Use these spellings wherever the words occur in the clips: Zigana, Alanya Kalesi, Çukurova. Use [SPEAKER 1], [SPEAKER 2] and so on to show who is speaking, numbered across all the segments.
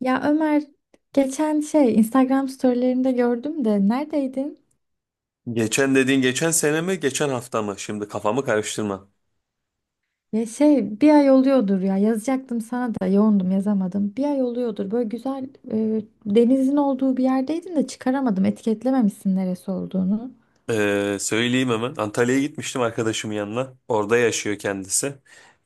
[SPEAKER 1] Ya Ömer geçen Instagram storylerinde gördüm de neredeydin?
[SPEAKER 2] Geçen dediğin geçen sene mi geçen hafta mı? Şimdi kafamı karıştırma.
[SPEAKER 1] Ya bir ay oluyordur ya yazacaktım sana da yoğundum yazamadım. Bir ay oluyordur böyle güzel denizin olduğu bir yerdeydin de çıkaramadım, etiketlememişsin neresi olduğunu.
[SPEAKER 2] Söyleyeyim hemen. Antalya'ya gitmiştim arkadaşımın yanına. Orada yaşıyor kendisi.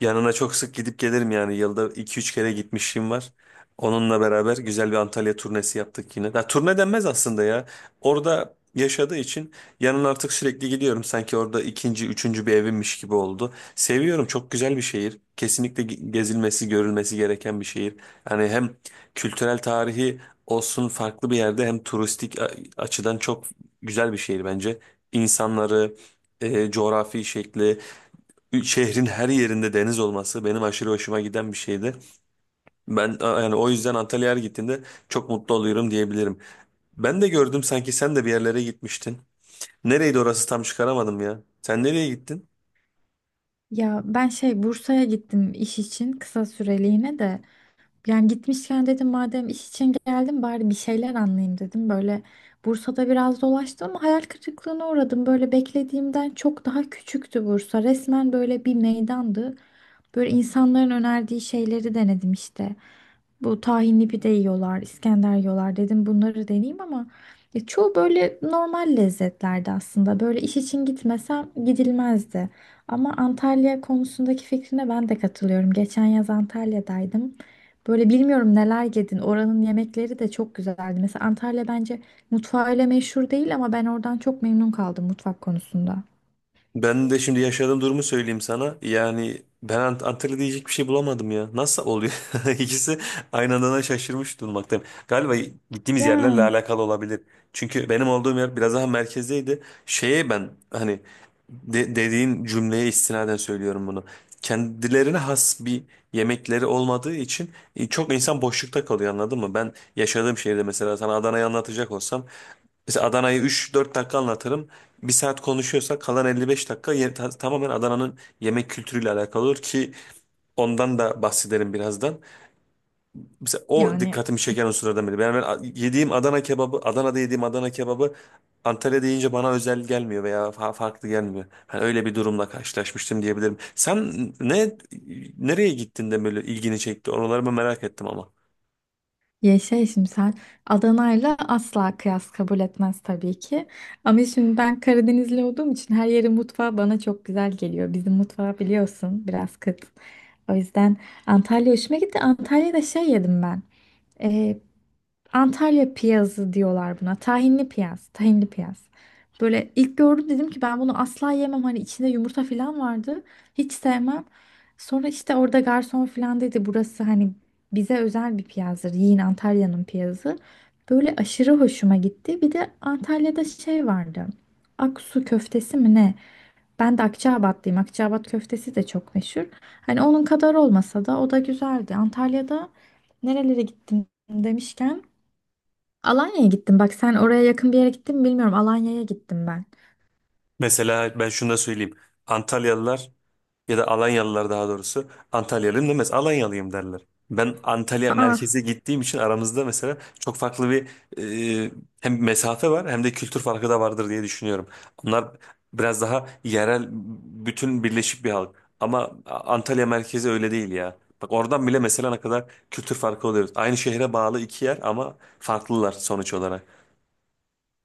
[SPEAKER 2] Yanına çok sık gidip gelirim yani. Yılda 2-3 kere gitmişliğim var. Onunla beraber güzel bir Antalya turnesi yaptık yine. Ya, turne denmez aslında ya. Orada yaşadığı için yanına artık sürekli gidiyorum. Sanki orada ikinci, üçüncü bir evimmiş gibi oldu. Seviyorum. Çok güzel bir şehir. Kesinlikle gezilmesi, görülmesi gereken bir şehir. Yani hem kültürel tarihi olsun farklı bir yerde hem turistik açıdan çok güzel bir şehir bence insanları, coğrafi şekli, şehrin her yerinde deniz olması benim aşırı hoşuma giden bir şeydi. Yani o yüzden Antalya'ya her gittiğimde çok mutlu oluyorum diyebilirim. Ben de gördüm sanki sen de bir yerlere gitmiştin. Nereydi orası tam çıkaramadım ya. Sen nereye gittin?
[SPEAKER 1] Ya ben Bursa'ya gittim iş için kısa süreliğine de. Yani gitmişken dedim madem iş için geldim bari bir şeyler anlayayım dedim. Böyle Bursa'da biraz dolaştım ama hayal kırıklığına uğradım. Böyle beklediğimden çok daha küçüktü Bursa. Resmen böyle bir meydandı. Böyle insanların önerdiği şeyleri denedim işte. Bu tahinli pide yiyorlar, İskender yiyorlar dedim bunları deneyeyim ama ya çoğu böyle normal lezzetlerdi aslında. Böyle iş için gitmesem gidilmezdi. Ama Antalya konusundaki fikrine ben de katılıyorum. Geçen yaz Antalya'daydım. Böyle bilmiyorum neler yedin. Oranın yemekleri de çok güzeldi. Mesela Antalya bence mutfağıyla meşhur değil ama ben oradan çok memnun kaldım mutfak konusunda.
[SPEAKER 2] Ben de şimdi yaşadığım durumu söyleyeyim sana. Yani ben Antalya diyecek bir şey bulamadım ya. Nasıl oluyor? İkisi aynı anda şaşırmış durmaktayım. Galiba gittiğimiz yerlerle
[SPEAKER 1] Ya.
[SPEAKER 2] alakalı olabilir. Çünkü benim olduğum yer biraz daha merkezdeydi. Şeye ben hani dediğin cümleye istinaden söylüyorum bunu. Kendilerine has bir yemekleri olmadığı için çok insan boşlukta kalıyor anladın mı? Ben yaşadığım şehirde mesela sana Adana'yı anlatacak olsam mesela Adana'yı 3-4 dakika anlatırım. Bir saat konuşuyorsa kalan 55 dakika tamamen Adana'nın yemek kültürüyle alakalı olur ki ondan da bahsederim birazdan. Mesela o
[SPEAKER 1] Yani.
[SPEAKER 2] dikkatimi çeken unsurlardan biri. Ben yediğim Adana kebabı, Adana'da yediğim Adana kebabı Antalya'da yiyince bana özel gelmiyor veya farklı gelmiyor. Hani öyle bir durumla karşılaşmıştım diyebilirim. Sen ne nereye gittin de böyle ilgini çekti? Oraları mı merak ettim ama.
[SPEAKER 1] Şimdi sen Adana'yla asla kıyas kabul etmez tabii ki. Ama şimdi ben Karadenizli olduğum için her yerin mutfağı bana çok güzel geliyor. Bizim mutfağı biliyorsun biraz kıt. O yüzden Antalya hoşuma gitti. Antalya'da yedim ben. Antalya piyazı diyorlar buna. Tahinli piyaz, tahinli piyaz. Böyle ilk gördüm dedim ki ben bunu asla yemem. Hani içinde yumurta falan vardı. Hiç sevmem. Sonra işte orada garson falan dedi burası hani bize özel bir piyazdır. Yiyin Antalya'nın piyazı. Böyle aşırı hoşuma gitti. Bir de Antalya'da vardı. Aksu köftesi mi ne? Ben de Akçaabatlıyım. Akçaabat köftesi de çok meşhur. Hani onun kadar olmasa da o da güzeldi. Antalya'da nerelere gittim demişken Alanya'ya gittim. Bak sen oraya yakın bir yere gittin mi bilmiyorum. Alanya'ya gittim ben.
[SPEAKER 2] Mesela ben şunu da söyleyeyim. Antalyalılar ya da Alanyalılar daha doğrusu. Antalyalıyım demez. Alanyalıyım derler. Ben Antalya
[SPEAKER 1] Aa,
[SPEAKER 2] merkeze gittiğim için aramızda mesela çok farklı bir e, hem mesafe var hem de kültür farkı da vardır diye düşünüyorum. Onlar biraz daha yerel bütün birleşik bir halk. Ama Antalya merkezi öyle değil ya. Bak oradan bile mesela ne kadar kültür farkı oluyoruz. Aynı şehre bağlı iki yer ama farklılar sonuç olarak.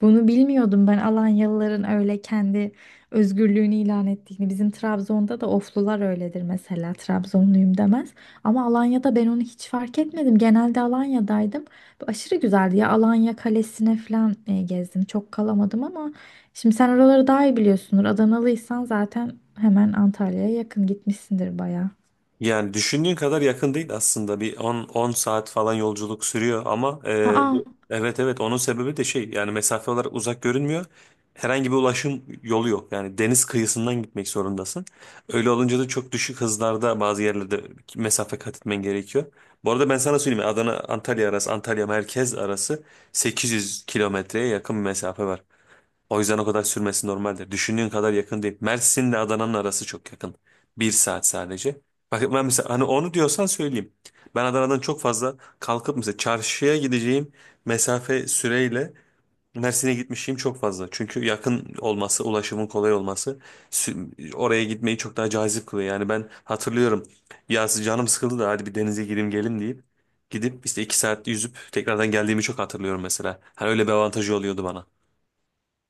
[SPEAKER 1] bunu bilmiyordum ben, Alanyalıların öyle kendi özgürlüğünü ilan ettiğini. Bizim Trabzon'da da Oflular öyledir mesela. Trabzonluyum demez. Ama Alanya'da ben onu hiç fark etmedim. Genelde Alanya'daydım. Bu aşırı güzeldi ya. Alanya Kalesi'ne falan gezdim. Çok kalamadım ama şimdi sen oraları daha iyi biliyorsundur. Adanalıysan zaten hemen Antalya'ya yakın gitmişsindir bayağı.
[SPEAKER 2] Yani düşündüğün kadar yakın değil aslında. Bir on saat falan yolculuk sürüyor ama
[SPEAKER 1] Aa,
[SPEAKER 2] bu evet evet onun sebebi de şey yani mesafe olarak uzak görünmüyor. Herhangi bir ulaşım yolu yok. Yani deniz kıyısından gitmek zorundasın. Öyle olunca da çok düşük hızlarda bazı yerlerde mesafe kat etmen gerekiyor. Bu arada ben sana söyleyeyim Adana Antalya arası Antalya merkez arası 800 kilometreye yakın bir mesafe var. O yüzden o kadar sürmesi normaldir. Düşündüğün kadar yakın değil. Mersin'le Adana'nın arası çok yakın. Bir saat sadece. Bak ben mesela hani onu diyorsan söyleyeyim. Ben Adana'dan çok fazla kalkıp mesela çarşıya gideceğim mesafe süreyle Mersin'e gitmişim çok fazla. Çünkü yakın olması, ulaşımın kolay olması oraya gitmeyi çok daha cazip kılıyor. Yani ben hatırlıyorum. Ya canım sıkıldı da hadi bir denize gireyim gelin deyip gidip işte 2 saat yüzüp tekrardan geldiğimi çok hatırlıyorum mesela. Hani öyle bir avantajı oluyordu bana.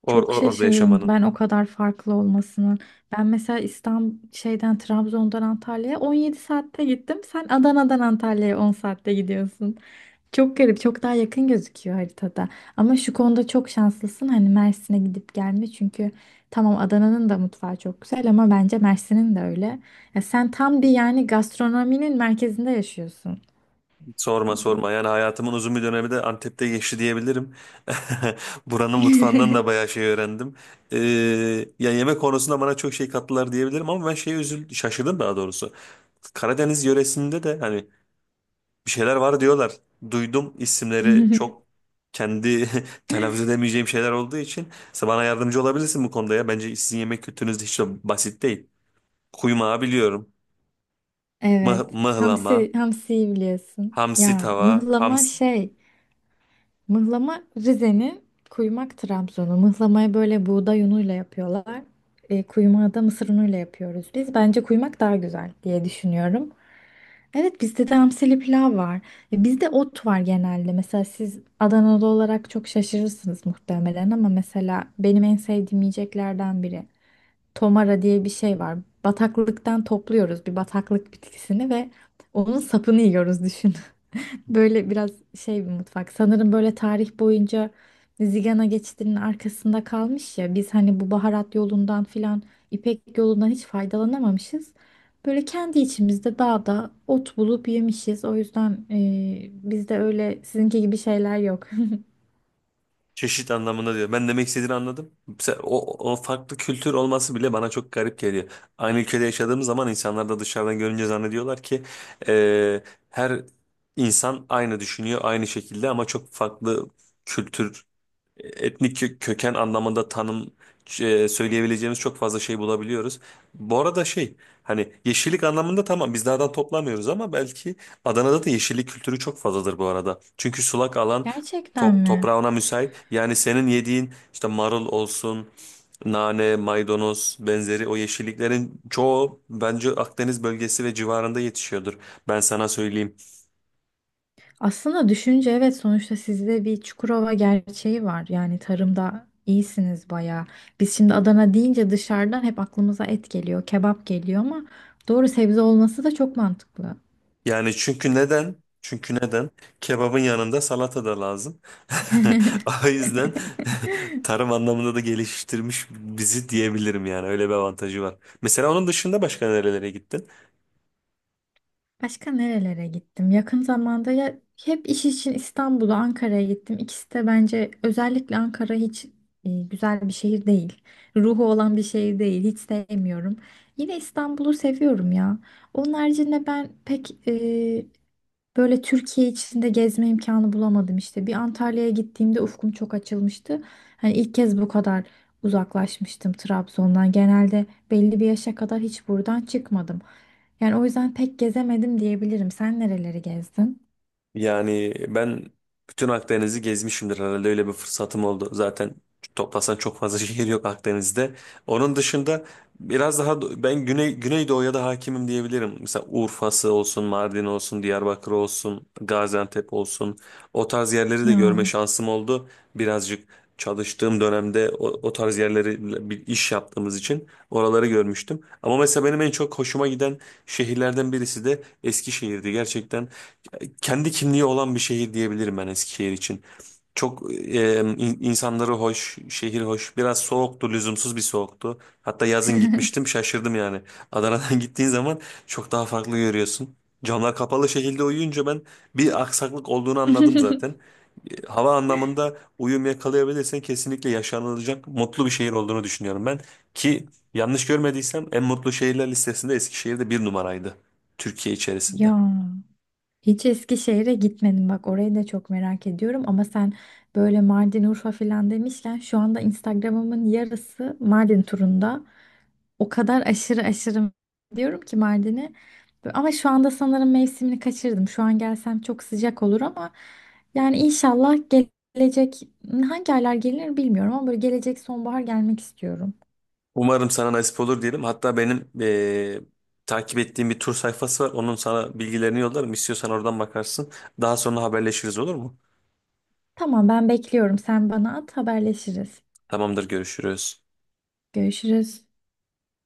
[SPEAKER 1] çok
[SPEAKER 2] Orada
[SPEAKER 1] şaşırdım
[SPEAKER 2] yaşamanın.
[SPEAKER 1] ben o kadar farklı olmasının. Ben mesela İstanbul şeyden Trabzon'dan Antalya'ya 17 saatte gittim. Sen Adana'dan Antalya'ya 10 saatte gidiyorsun. Çok garip, çok daha yakın gözüküyor haritada. Ama şu konuda çok şanslısın. Hani Mersin'e gidip gelme, çünkü tamam Adana'nın da mutfağı çok güzel ama bence Mersin'in de öyle. Ya sen tam bir yani gastronominin merkezinde yaşıyorsun.
[SPEAKER 2] Sorma sorma yani hayatımın uzun bir dönemi de Antep'te geçti diyebilirim. Buranın mutfağından da bayağı şey öğrendim. Ee, Ya yemek konusunda bana çok şey kattılar diyebilirim ama ben şeye üzüldüm, şaşırdım daha doğrusu. Karadeniz yöresinde de hani bir şeyler var diyorlar. Duydum isimleri çok kendi telaffuz edemeyeceğim şeyler olduğu için. Sen bana yardımcı olabilirsin bu konuda ya. Bence sizin yemek kültürünüz de hiç de basit değil. Kuymağı biliyorum.
[SPEAKER 1] Evet.
[SPEAKER 2] Mıhlama,
[SPEAKER 1] Hamsi, hamsiyi biliyorsun.
[SPEAKER 2] hamsi
[SPEAKER 1] Ya
[SPEAKER 2] tava.
[SPEAKER 1] mıhlama mıhlama Rize'nin, kuymak Trabzon'u. Mıhlamayı böyle buğday unuyla yapıyorlar. Kuymağı da mısır unuyla yapıyoruz biz. Bence kuymak daha güzel diye düşünüyorum. Evet bizde de hamsili pilav var. Bizde ot var genelde. Mesela siz Adanalı olarak çok şaşırırsınız muhtemelen ama mesela benim en sevdiğim yiyeceklerden biri. Tomara diye bir şey var. Bataklıktan topluyoruz bir bataklık bitkisini ve onun sapını yiyoruz. Böyle biraz bir mutfak. Sanırım böyle tarih boyunca Zigana geçidinin arkasında kalmış ya. Biz hani bu baharat yolundan filan, İpek yolundan hiç faydalanamamışız. Böyle kendi içimizde dağda ot bulup yemişiz. O yüzden bizde öyle sizinki gibi şeyler yok.
[SPEAKER 2] Çeşit anlamında diyor. Ben demek istediğini anladım. Mesela O farklı kültür olması bile bana çok garip geliyor. Aynı ülkede yaşadığımız zaman insanlar da dışarıdan görünce zannediyorlar ki e, her insan aynı düşünüyor, aynı şekilde ama çok farklı kültür etnik köken anlamında tanım söyleyebileceğimiz çok fazla şey bulabiliyoruz. Bu arada şey hani yeşillik anlamında tamam biz dağdan toplamıyoruz ama belki Adana'da da yeşillik kültürü çok fazladır bu arada. Çünkü sulak alan
[SPEAKER 1] Gerçekten mi?
[SPEAKER 2] toprağı ona müsait. Yani senin yediğin işte marul olsun, nane, maydanoz benzeri o yeşilliklerin çoğu bence Akdeniz bölgesi ve civarında yetişiyordur. Ben sana söyleyeyim.
[SPEAKER 1] Aslında düşünce evet, sonuçta sizde bir Çukurova gerçeği var. Yani tarımda iyisiniz bayağı. Biz şimdi Adana deyince dışarıdan hep aklımıza et geliyor, kebap geliyor ama doğru, sebze olması da çok mantıklı.
[SPEAKER 2] Yani çünkü neden? Çünkü neden? Kebabın yanında salata da lazım. O yüzden tarım anlamında da geliştirmiş bizi diyebilirim yani. Öyle bir avantajı var. Mesela onun dışında başka nerelere gittin?
[SPEAKER 1] Başka nerelere gittim? Yakın zamanda ya hep iş için İstanbul'a, Ankara'ya gittim. İkisi de, bence özellikle Ankara, hiç güzel bir şehir değil. Ruhu olan bir şehir değil. Hiç sevmiyorum. Yine İstanbul'u seviyorum ya. Onun haricinde ben pek böyle Türkiye içinde gezme imkanı bulamadım işte. Bir Antalya'ya gittiğimde ufkum çok açılmıştı. Hani ilk kez bu kadar uzaklaşmıştım Trabzon'dan. Genelde belli bir yaşa kadar hiç buradan çıkmadım. Yani o yüzden pek gezemedim diyebilirim. Sen nereleri gezdin?
[SPEAKER 2] Yani ben bütün Akdeniz'i gezmişimdir herhalde öyle bir fırsatım oldu. Zaten toplasan çok fazla şehir yok Akdeniz'de. Onun dışında biraz daha ben Güney Güneydoğu'ya da hakimim diyebilirim. Mesela Urfa'sı olsun, Mardin olsun, Diyarbakır olsun, Gaziantep olsun. O tarz yerleri de görme
[SPEAKER 1] Ya.
[SPEAKER 2] şansım oldu. Birazcık çalıştığım dönemde o tarz yerleri bir iş yaptığımız için oraları görmüştüm. Ama mesela benim en çok hoşuma giden şehirlerden birisi de Eskişehir'di. Gerçekten kendi kimliği olan bir şehir diyebilirim ben Eskişehir için. Çok insanları hoş, şehir hoş. Biraz soğuktu, lüzumsuz bir soğuktu. Hatta yazın gitmiştim, şaşırdım yani. Adana'dan gittiğin zaman çok daha farklı görüyorsun. Camlar kapalı şekilde uyuyunca ben bir aksaklık olduğunu anladım zaten. Hava anlamında uyum yakalayabilirsen kesinlikle yaşanılacak mutlu bir şehir olduğunu düşünüyorum ben. Ki yanlış görmediysem en mutlu şehirler listesinde Eskişehir'de bir numaraydı. Türkiye içerisinde.
[SPEAKER 1] Ya. Hiç Eskişehir'e gitmedim, bak orayı da çok merak ediyorum ama sen böyle Mardin, Urfa filan demişken şu anda Instagram'ımın yarısı Mardin turunda. O kadar aşırı aşırı diyorum ki Mardin'e, ama şu anda sanırım mevsimini kaçırdım. Şu an gelsem çok sıcak olur ama yani inşallah gelecek, hangi aylar gelir bilmiyorum ama böyle gelecek sonbahar gelmek istiyorum.
[SPEAKER 2] Umarım sana nasip olur diyelim. Hatta benim takip ettiğim bir tur sayfası var. Onun sana bilgilerini yollarım. İstiyorsan oradan bakarsın. Daha sonra haberleşiriz olur mu?
[SPEAKER 1] Tamam ben bekliyorum, sen bana at, haberleşiriz.
[SPEAKER 2] Tamamdır, görüşürüz.
[SPEAKER 1] Görüşürüz.